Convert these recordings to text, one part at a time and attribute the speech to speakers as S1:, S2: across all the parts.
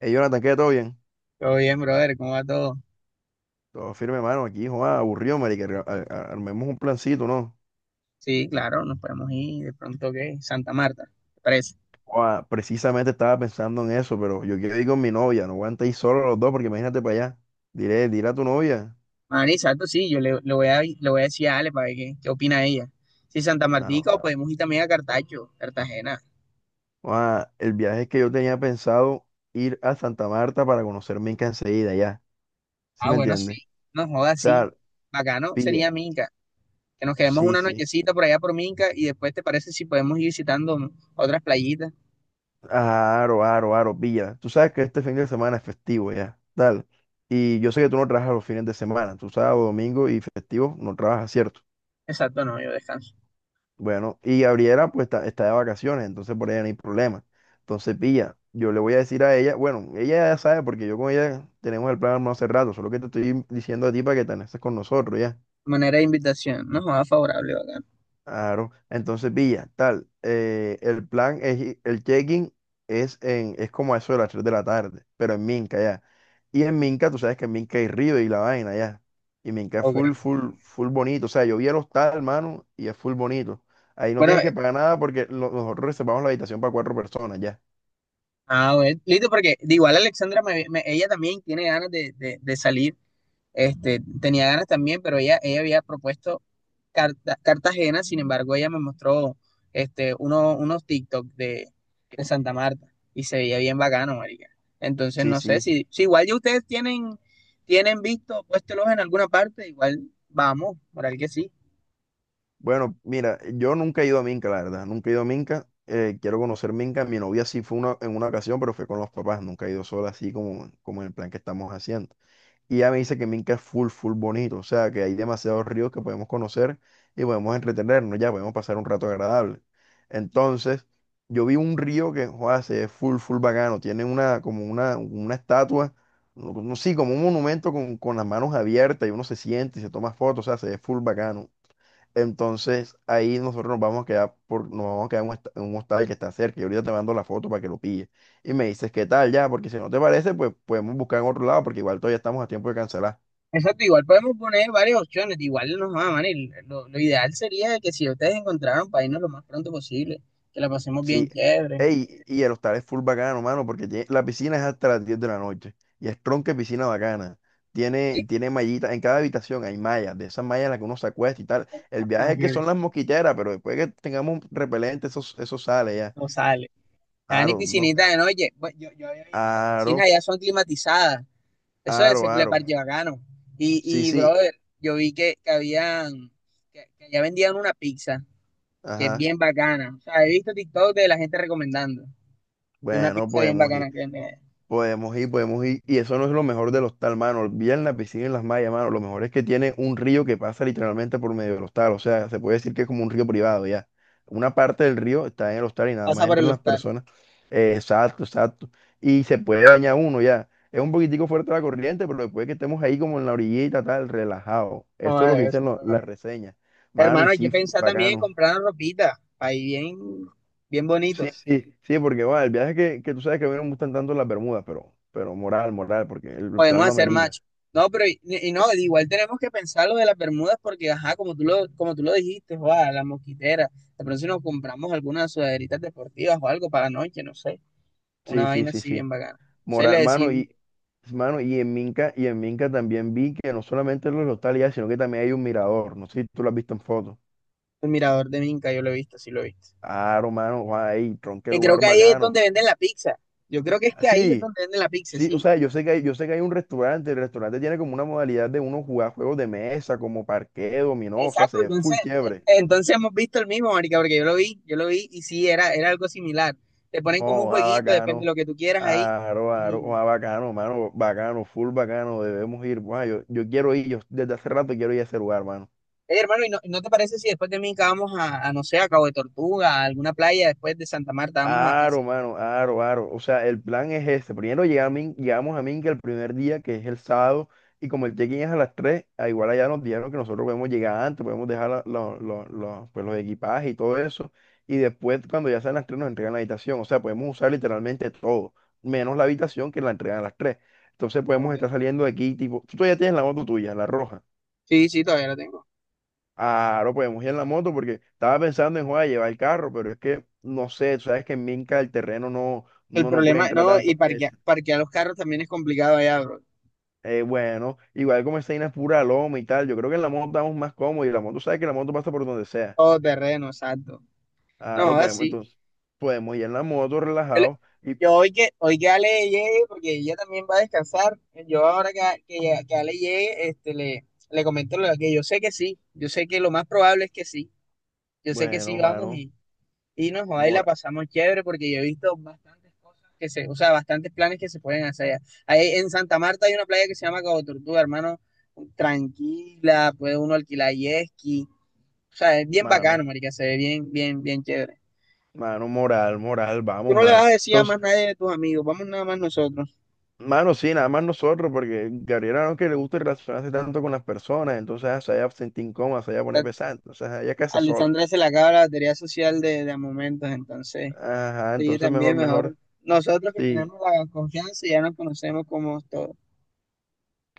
S1: Ey, Jonathan, ¿qué? ¿Todo bien?
S2: Todo bien, brother, ¿cómo va todo?
S1: Todo firme, mano. Aquí, joa, aburrido, marica. Armemos un plancito, ¿no?
S2: Sí, claro, nos podemos ir de pronto, ¿qué? Santa Marta, ¿te parece?
S1: Joa, precisamente estaba pensando en eso, pero yo quiero ir con mi novia. No aguanta ir solo los dos, porque imagínate para allá. Diré, dile a tu novia.
S2: Ah, exacto, sí, yo le, le voy a decir a Ale para ver qué opina ella. Sí, Santa
S1: Mano,
S2: Martica o podemos ir también a Cartacho, Cartagena.
S1: joa, el viaje es que yo tenía pensado ir a Santa Marta para conocer Minca enseguida, ya. ¿Sí
S2: Ah,
S1: me
S2: bueno,
S1: entiendes?
S2: sí, no
S1: O
S2: jodas, sí.
S1: sea,
S2: Bacano
S1: pilla.
S2: sería Minca, que nos quedemos
S1: Sí,
S2: una
S1: sí.
S2: nochecita por allá por Minca y después, ¿te parece si podemos ir visitando otras playitas?
S1: Aro, aro, aro, pilla. Tú sabes que este fin de semana es festivo ya, dale. Y yo sé que tú no trabajas los fines de semana, tú sábado, domingo y festivo no trabajas, ¿cierto?
S2: Exacto, no, yo descanso.
S1: Bueno, y Gabriela pues está de vacaciones, entonces por ella no hay problema. Entonces, pilla, yo le voy a decir a ella, bueno, ella ya sabe porque yo con ella tenemos el plan armado hace rato, solo que te estoy diciendo a ti para que te anexes con nosotros, ya.
S2: Manera de invitación, no jodas, favorable, bacano.
S1: Claro, entonces Villa, tal, el plan es, el check-in es, en, es como a eso de las 3 de la tarde, pero en Minca ya. Y en Minca, tú sabes que en Minca hay río y la vaina ya. Y Minca es
S2: Ok.
S1: full, full, full bonito. O sea, yo vi el hostal, hermano, y es full bonito. Ahí no
S2: Bueno,
S1: tienes que pagar nada porque nosotros reservamos la habitación para cuatro personas ya.
S2: ah, bueno, listo, porque de igual Alexandra, ella también tiene ganas de, de salir, tenía ganas también, pero ella había propuesto Cartagena. Sin embargo, ella me mostró, uno, unos TikTok de Santa Marta, y se veía bien bacano, marica. Entonces,
S1: Sí,
S2: no sé,
S1: sí.
S2: si, si igual ya ustedes tienen, tienen visto, puéstelos en alguna parte, igual vamos, moral que sí.
S1: Bueno, mira, yo nunca he ido a Minca, la verdad. Nunca he ido a Minca. Quiero conocer Minca. Mi novia sí fue una, en una ocasión, pero fue con los papás. Nunca he ido sola así como, como en el plan que estamos haciendo. Y ella me dice que Minca es full, full bonito, o sea, que hay demasiados ríos que podemos conocer y podemos entretenernos, ya podemos pasar un rato agradable. Entonces, yo vi un río que, joder, se ve full, full bacano, tiene una, como una estatua, no, no, sí, como un monumento con las manos abiertas y uno se siente y se toma fotos, o sea, se ve full bacano. Entonces ahí nosotros nos vamos a quedar por, nos vamos a quedar en un, en un hostal que está cerca. Y ahorita te mando la foto para que lo pilles. Y me dices qué tal ya, porque si no te parece, pues podemos buscar en otro lado, porque igual todavía estamos a tiempo de cancelar.
S2: Exacto, igual podemos poner varias opciones, igual no nos van a amar, y lo ideal sería que si ustedes encontraran para irnos lo más pronto posible, que la pasemos bien
S1: Sí.
S2: chévere.
S1: Ey, y el hostal es full bacano, mano, porque la piscina es hasta las 10 de la noche. Y es tronque piscina bacana. Tiene mallitas, en cada habitación hay mallas, de esas mallas en las que uno se acuesta y tal. El
S2: Ah,
S1: viaje es que
S2: que
S1: son las mosquiteras, pero después que tengamos repelente, eso sale ya.
S2: no sale. Hagan y
S1: Aro, no
S2: piscinita de
S1: quedamos.
S2: noche. Bueno, yo había visto que las piscinas
S1: Aro.
S2: allá son climatizadas. Eso es
S1: Aro,
S2: el
S1: aro.
S2: parche bacano.
S1: Sí,
S2: Y,
S1: sí,
S2: brother, yo vi que habían, que allá vendían una pizza que es
S1: ajá.
S2: bien bacana. O sea, he visto TikTok de la gente recomendando. De una
S1: Bueno,
S2: pizza bien
S1: podemos ir,
S2: bacana que venden allá.
S1: podemos ir. Y eso no es lo mejor del hostal, mano. Olviden la piscina y las mallas, mano. Lo mejor es que tiene un río que pasa literalmente por medio del hostal. O sea, se puede decir que es como un río privado, ya. Una parte del río está en el hostal y nada
S2: Pasa
S1: más
S2: por
S1: entran
S2: el
S1: las
S2: hostal.
S1: personas. Exacto, exacto. Y se puede bañar uno, ya. Es un poquitico fuerte la corriente, pero después que estemos ahí como en la orillita, tal, relajado.
S2: No,
S1: Eso es lo que
S2: debe
S1: dicen
S2: ser.
S1: las reseñas. Mano, y
S2: Hermano, hay que
S1: sí,
S2: pensar también en
S1: bacano.
S2: comprarnos ropita, ahí bien, bien
S1: Sí,
S2: bonitos.
S1: sí, sí, porque bueno, el viaje que tú sabes que a mí no me gustan tanto las Bermudas, pero moral, moral, porque el plan
S2: Podemos
S1: lo
S2: hacer
S1: amerita.
S2: match. No, pero y no, igual tenemos que pensar lo de las bermudas porque, ajá, como tú lo dijiste, joa, las mosquiteras. De pronto si nos compramos algunas sudaderitas deportivas o algo para la noche, no sé. Una
S1: Sí, sí,
S2: vaina
S1: sí,
S2: así
S1: sí.
S2: bien bacana. Se le
S1: Moral,
S2: decía
S1: mano,
S2: el
S1: y mano, y en Minca también vi que no solamente los hostales, ya, sino que también hay un mirador. No sé si tú lo has visto en fotos.
S2: mirador de Minca, yo lo he visto, sí lo he visto.
S1: Claro, mano, guau, ahí, tron, qué
S2: Que creo
S1: lugar
S2: que ahí es
S1: bacano.
S2: donde venden la pizza. Yo creo que es
S1: Ah,
S2: que ahí es
S1: sí,
S2: donde venden la pizza,
S1: sí, o
S2: sí.
S1: sea, yo sé que hay, yo sé que hay un restaurante, el restaurante tiene como una modalidad de uno jugar juegos de mesa, como parqué, dominó, o sea,
S2: Exacto,
S1: se ve
S2: entonces,
S1: full chévere.
S2: entonces hemos visto el mismo, marica, porque yo lo vi y sí, era algo similar. Te ponen como un
S1: Oh, ah,
S2: jueguito, depende de
S1: bacano.
S2: lo que tú quieras ahí.
S1: Aro, aro,
S2: Y,
S1: ah, bacano, mano, bacano, full bacano, debemos ir. Guau, yo quiero ir, yo desde hace rato quiero ir a ese lugar, mano.
S2: "Ey, hermano, ¿y no, no te parece si después de mí vamos a, no sé, a Cabo de Tortuga, a alguna playa después de Santa Marta, vamos a...
S1: Aro, mano, aro, aro. O sea, el plan es este. Primero llegamos a Minca el primer día, que es el sábado, y como el check-in es a las 3, a igual allá nos dijeron que nosotros podemos llegar antes, podemos dejar pues, los equipajes y todo eso, y después cuando ya sean las tres nos entregan la habitación. O sea, podemos usar literalmente todo, menos la habitación que la entregan a las tres. Entonces podemos
S2: Ok.
S1: estar saliendo de aquí, tipo, tú todavía tienes la moto tuya, la roja.
S2: Sí, sí, todavía lo tengo.
S1: Claro, podemos ir en la moto porque estaba pensando en joder, llevar el carro, pero es que no sé, tú sabes que en Minca el terreno no,
S2: El
S1: no, no puede
S2: problema,
S1: entrar
S2: no, y
S1: tanto.
S2: parquear,
S1: Es,
S2: parquear los carros también es complicado allá, bro.
S1: bueno, igual como esa vaina es pura loma y tal, yo creo que en la moto estamos más cómodos y la moto, sabes que la moto pasa por donde sea.
S2: Todo terreno, exacto. No,
S1: Claro, podemos,
S2: así.
S1: entonces podemos ir en la moto
S2: Yo, le-
S1: relajados y
S2: yo hoy que Ale llegue, porque ella también va a descansar, yo ahora que, que Ale llegue, le, le comento lo que yo sé que sí, yo sé que lo más probable es que sí, yo sé que sí
S1: bueno,
S2: vamos
S1: mano,
S2: y nos joda y la
S1: mora-
S2: pasamos chévere porque yo he visto bastantes cosas que se, o sea, bastantes planes que se pueden hacer. Ahí en Santa Marta hay una playa que se llama Cabo Tortuga, hermano, tranquila, puede uno alquilar jet ski, o sea, es bien
S1: mano,
S2: bacano, marica, se ve bien, bien, bien chévere.
S1: mano, moral, moral,
S2: Tú
S1: vamos,
S2: no le vas
S1: mano.
S2: a decir a
S1: Entonces,
S2: más nadie de tus amigos, vamos nada más nosotros.
S1: mano, sí, nada más nosotros, porque Gabriela no es que le gusta relacionarse tanto con las personas, entonces ah, se vaya a sentir incómoda, se vaya a poner pesada, entonces ah, ella casa sola.
S2: Alessandra se la acaba la batería social de a momentos, entonces
S1: Ajá,
S2: ella
S1: entonces mejor,
S2: también mejor.
S1: mejor.
S2: Nosotros que
S1: Sí,
S2: tenemos la confianza ya nos conocemos como todos.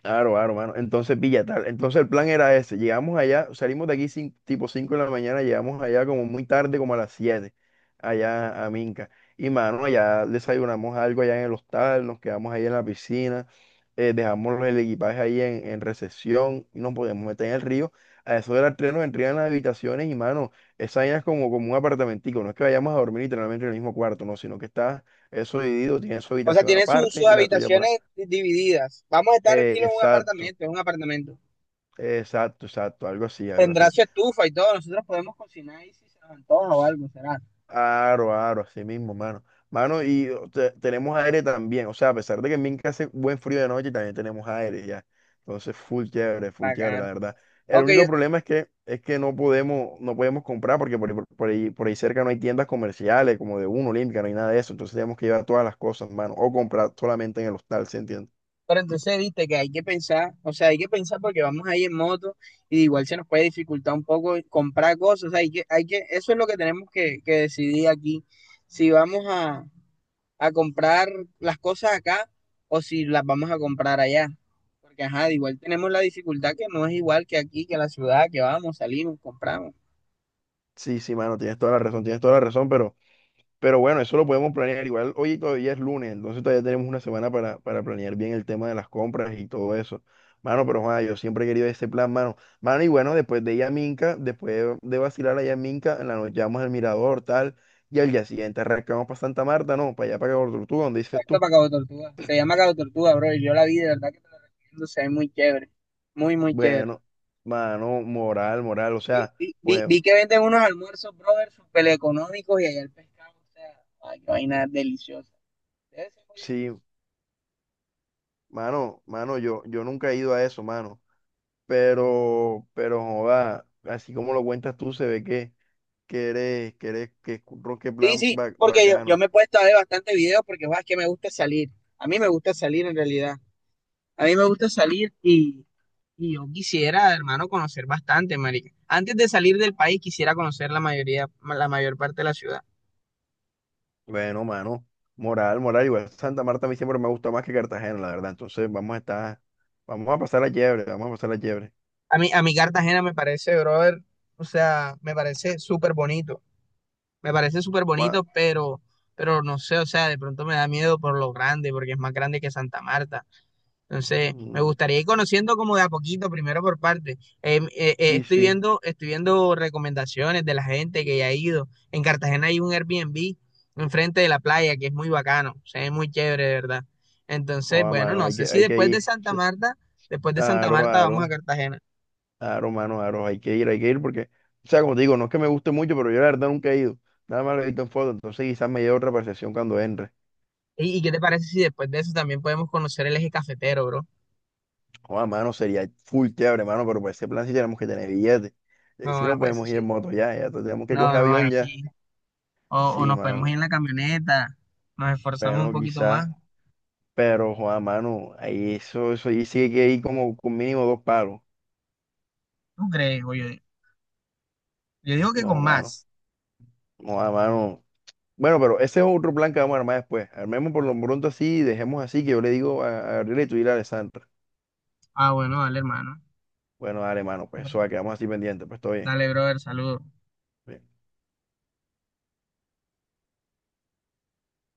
S1: claro, claro, mano. Entonces, pilla tal. Entonces el plan era ese, llegamos allá, salimos de aquí tipo 5 de la mañana, llegamos allá como muy tarde, como a las 7 allá a Minca. Y, mano, allá desayunamos algo allá en el hostal, nos quedamos ahí en la piscina. Dejamos el equipaje ahí en recepción y nos podíamos meter en el río. A eso de las tres nos entregan las habitaciones y, mano, esa vaina es como, como un apartamentico. No es que vayamos a dormir literalmente en el mismo cuarto, no, sino que está eso dividido, tiene su
S2: O sea,
S1: habitación
S2: tiene
S1: aparte
S2: sus
S1: y la tuya por ahí.
S2: habitaciones divididas. Vamos a estar estilo en un
S1: Exacto,
S2: apartamento, en un apartamento.
S1: exacto, algo así, algo
S2: Tendrá
S1: así.
S2: su estufa y todo. Nosotros podemos cocinar ahí si se nos antoja o algo, será
S1: Aro, aro, así mismo, mano. Mano, y o, tenemos aire también. O sea, a pesar de que en Minca hace buen frío de noche, también tenemos aire ya. Entonces, full chévere, la
S2: bacano.
S1: verdad. El
S2: Aunque yo,
S1: único problema es que no podemos, no podemos comprar porque por, por ahí cerca no hay tiendas comerciales como de Uno, Olímpica, no hay nada de eso. Entonces tenemos que llevar todas las cosas, mano. O comprar solamente en el hostal, ¿se entiende?
S2: pero entonces, viste que hay que pensar, o sea, hay que pensar porque vamos ahí en moto y igual se nos puede dificultar un poco comprar cosas, o sea, hay que, eso es lo que tenemos que decidir aquí, si vamos a comprar las cosas acá o si las vamos a comprar allá, porque ajá, igual tenemos la dificultad que no es igual que aquí, que la ciudad, que vamos, salimos, compramos.
S1: Sí, sí, mano, tienes toda la razón, tienes toda la razón, pero bueno, eso lo podemos planear. Igual hoy todavía es lunes, entonces todavía tenemos una semana para planear bien el tema de las compras y todo eso. Mano, pero Juan, yo siempre he querido ese plan, mano. Mano, y bueno, después de Yaminca, después de vacilar allá en Minca, en la noche vamos al Mirador, tal, y al día siguiente arrancamos para Santa Marta, ¿no? Para allá, para Cabo Tortuga, donde dices
S2: Exacto,
S1: tú.
S2: para Cabo Tortuga, se llama Cabo Tortuga, bro, y yo la vi, de verdad que te lo recomiendo, se ve muy chévere, muy, muy chévere.
S1: Bueno, mano, moral, moral, o
S2: Vi,
S1: sea, pues
S2: vi que venden unos almuerzos, brother, súper económicos y allá el pescado, o sea, ay, qué vaina deliciosa. Debe ser muy delicioso.
S1: sí, mano, mano, yo nunca he ido a eso, mano. Pero, joda, así como lo cuentas tú, se ve que eres, que eres, que es un ron, que
S2: Sí,
S1: plan
S2: sí, porque yo me
S1: bacano.
S2: he puesto a ver bastante videos porque, guau, es que me gusta salir. A mí me gusta salir en realidad. A mí me gusta salir y yo quisiera, hermano, conocer bastante, marica. Antes de salir del país quisiera conocer la mayoría, la mayor parte de la ciudad.
S1: Bueno, mano, moral, moral, igual Santa Marta a mí siempre me ha gustado más que Cartagena, la verdad. Entonces vamos a estar, vamos a pasar la liebre, vamos a pasar la liebre.
S2: A mí, a mi Cartagena me parece, brother, o sea, me parece súper bonito. Me parece súper
S1: Ma,
S2: bonito, pero no sé, o sea, de pronto me da miedo por lo grande, porque es más grande que Santa Marta. Entonces, me
S1: mm,
S2: gustaría ir conociendo como de a poquito, primero por parte.
S1: sí, sí,
S2: Estoy viendo recomendaciones de la gente que ya ha ido. En Cartagena hay un Airbnb enfrente de la playa que es muy bacano, o sea, es muy chévere, de verdad. Entonces,
S1: oh,
S2: bueno,
S1: mano,
S2: no sé si
S1: hay que
S2: después de
S1: ir. O
S2: Santa
S1: sea,
S2: Marta, después de Santa
S1: aro,
S2: Marta
S1: aro,
S2: vamos a Cartagena.
S1: aro, mano, aro, hay que ir porque, o sea, como te digo, no es que me guste mucho, pero yo la verdad nunca he ido. Nada más lo he visto en foto, entonces quizás me lleve otra percepción cuando entre.
S2: Y qué te parece si después de eso también podemos conocer el eje cafetero, bro?
S1: Joder, mano, sería full chévere, mano, pero para ese plan sí tenemos que tener billetes.
S2: No,
S1: Si
S2: me
S1: no
S2: parece.
S1: podemos ir en moto ya, ya tenemos que
S2: No,
S1: coger
S2: no, ahí
S1: avión ya.
S2: sí. O
S1: Sí,
S2: nos podemos
S1: mano.
S2: ir en la camioneta, nos esforzamos un
S1: Bueno,
S2: poquito más.
S1: quizás, pero joder, mano, ahí eso, eso, ahí sí que hay que ir como con mínimo dos palos.
S2: ¿Tú crees? O yo digo que con
S1: No, mano.
S2: más.
S1: Joder, mano. Bueno, pero ese es otro plan que vamos a armar después. Armemos por lo pronto así y dejemos así que yo le digo a Gabriela y tú dile a Alessandra.
S2: Ah, bueno, dale, hermano.
S1: Bueno, dale, mano, pues eso va, quedamos así pendientes, pues todo bien.
S2: Dale, brother, saludos.
S1: Bien.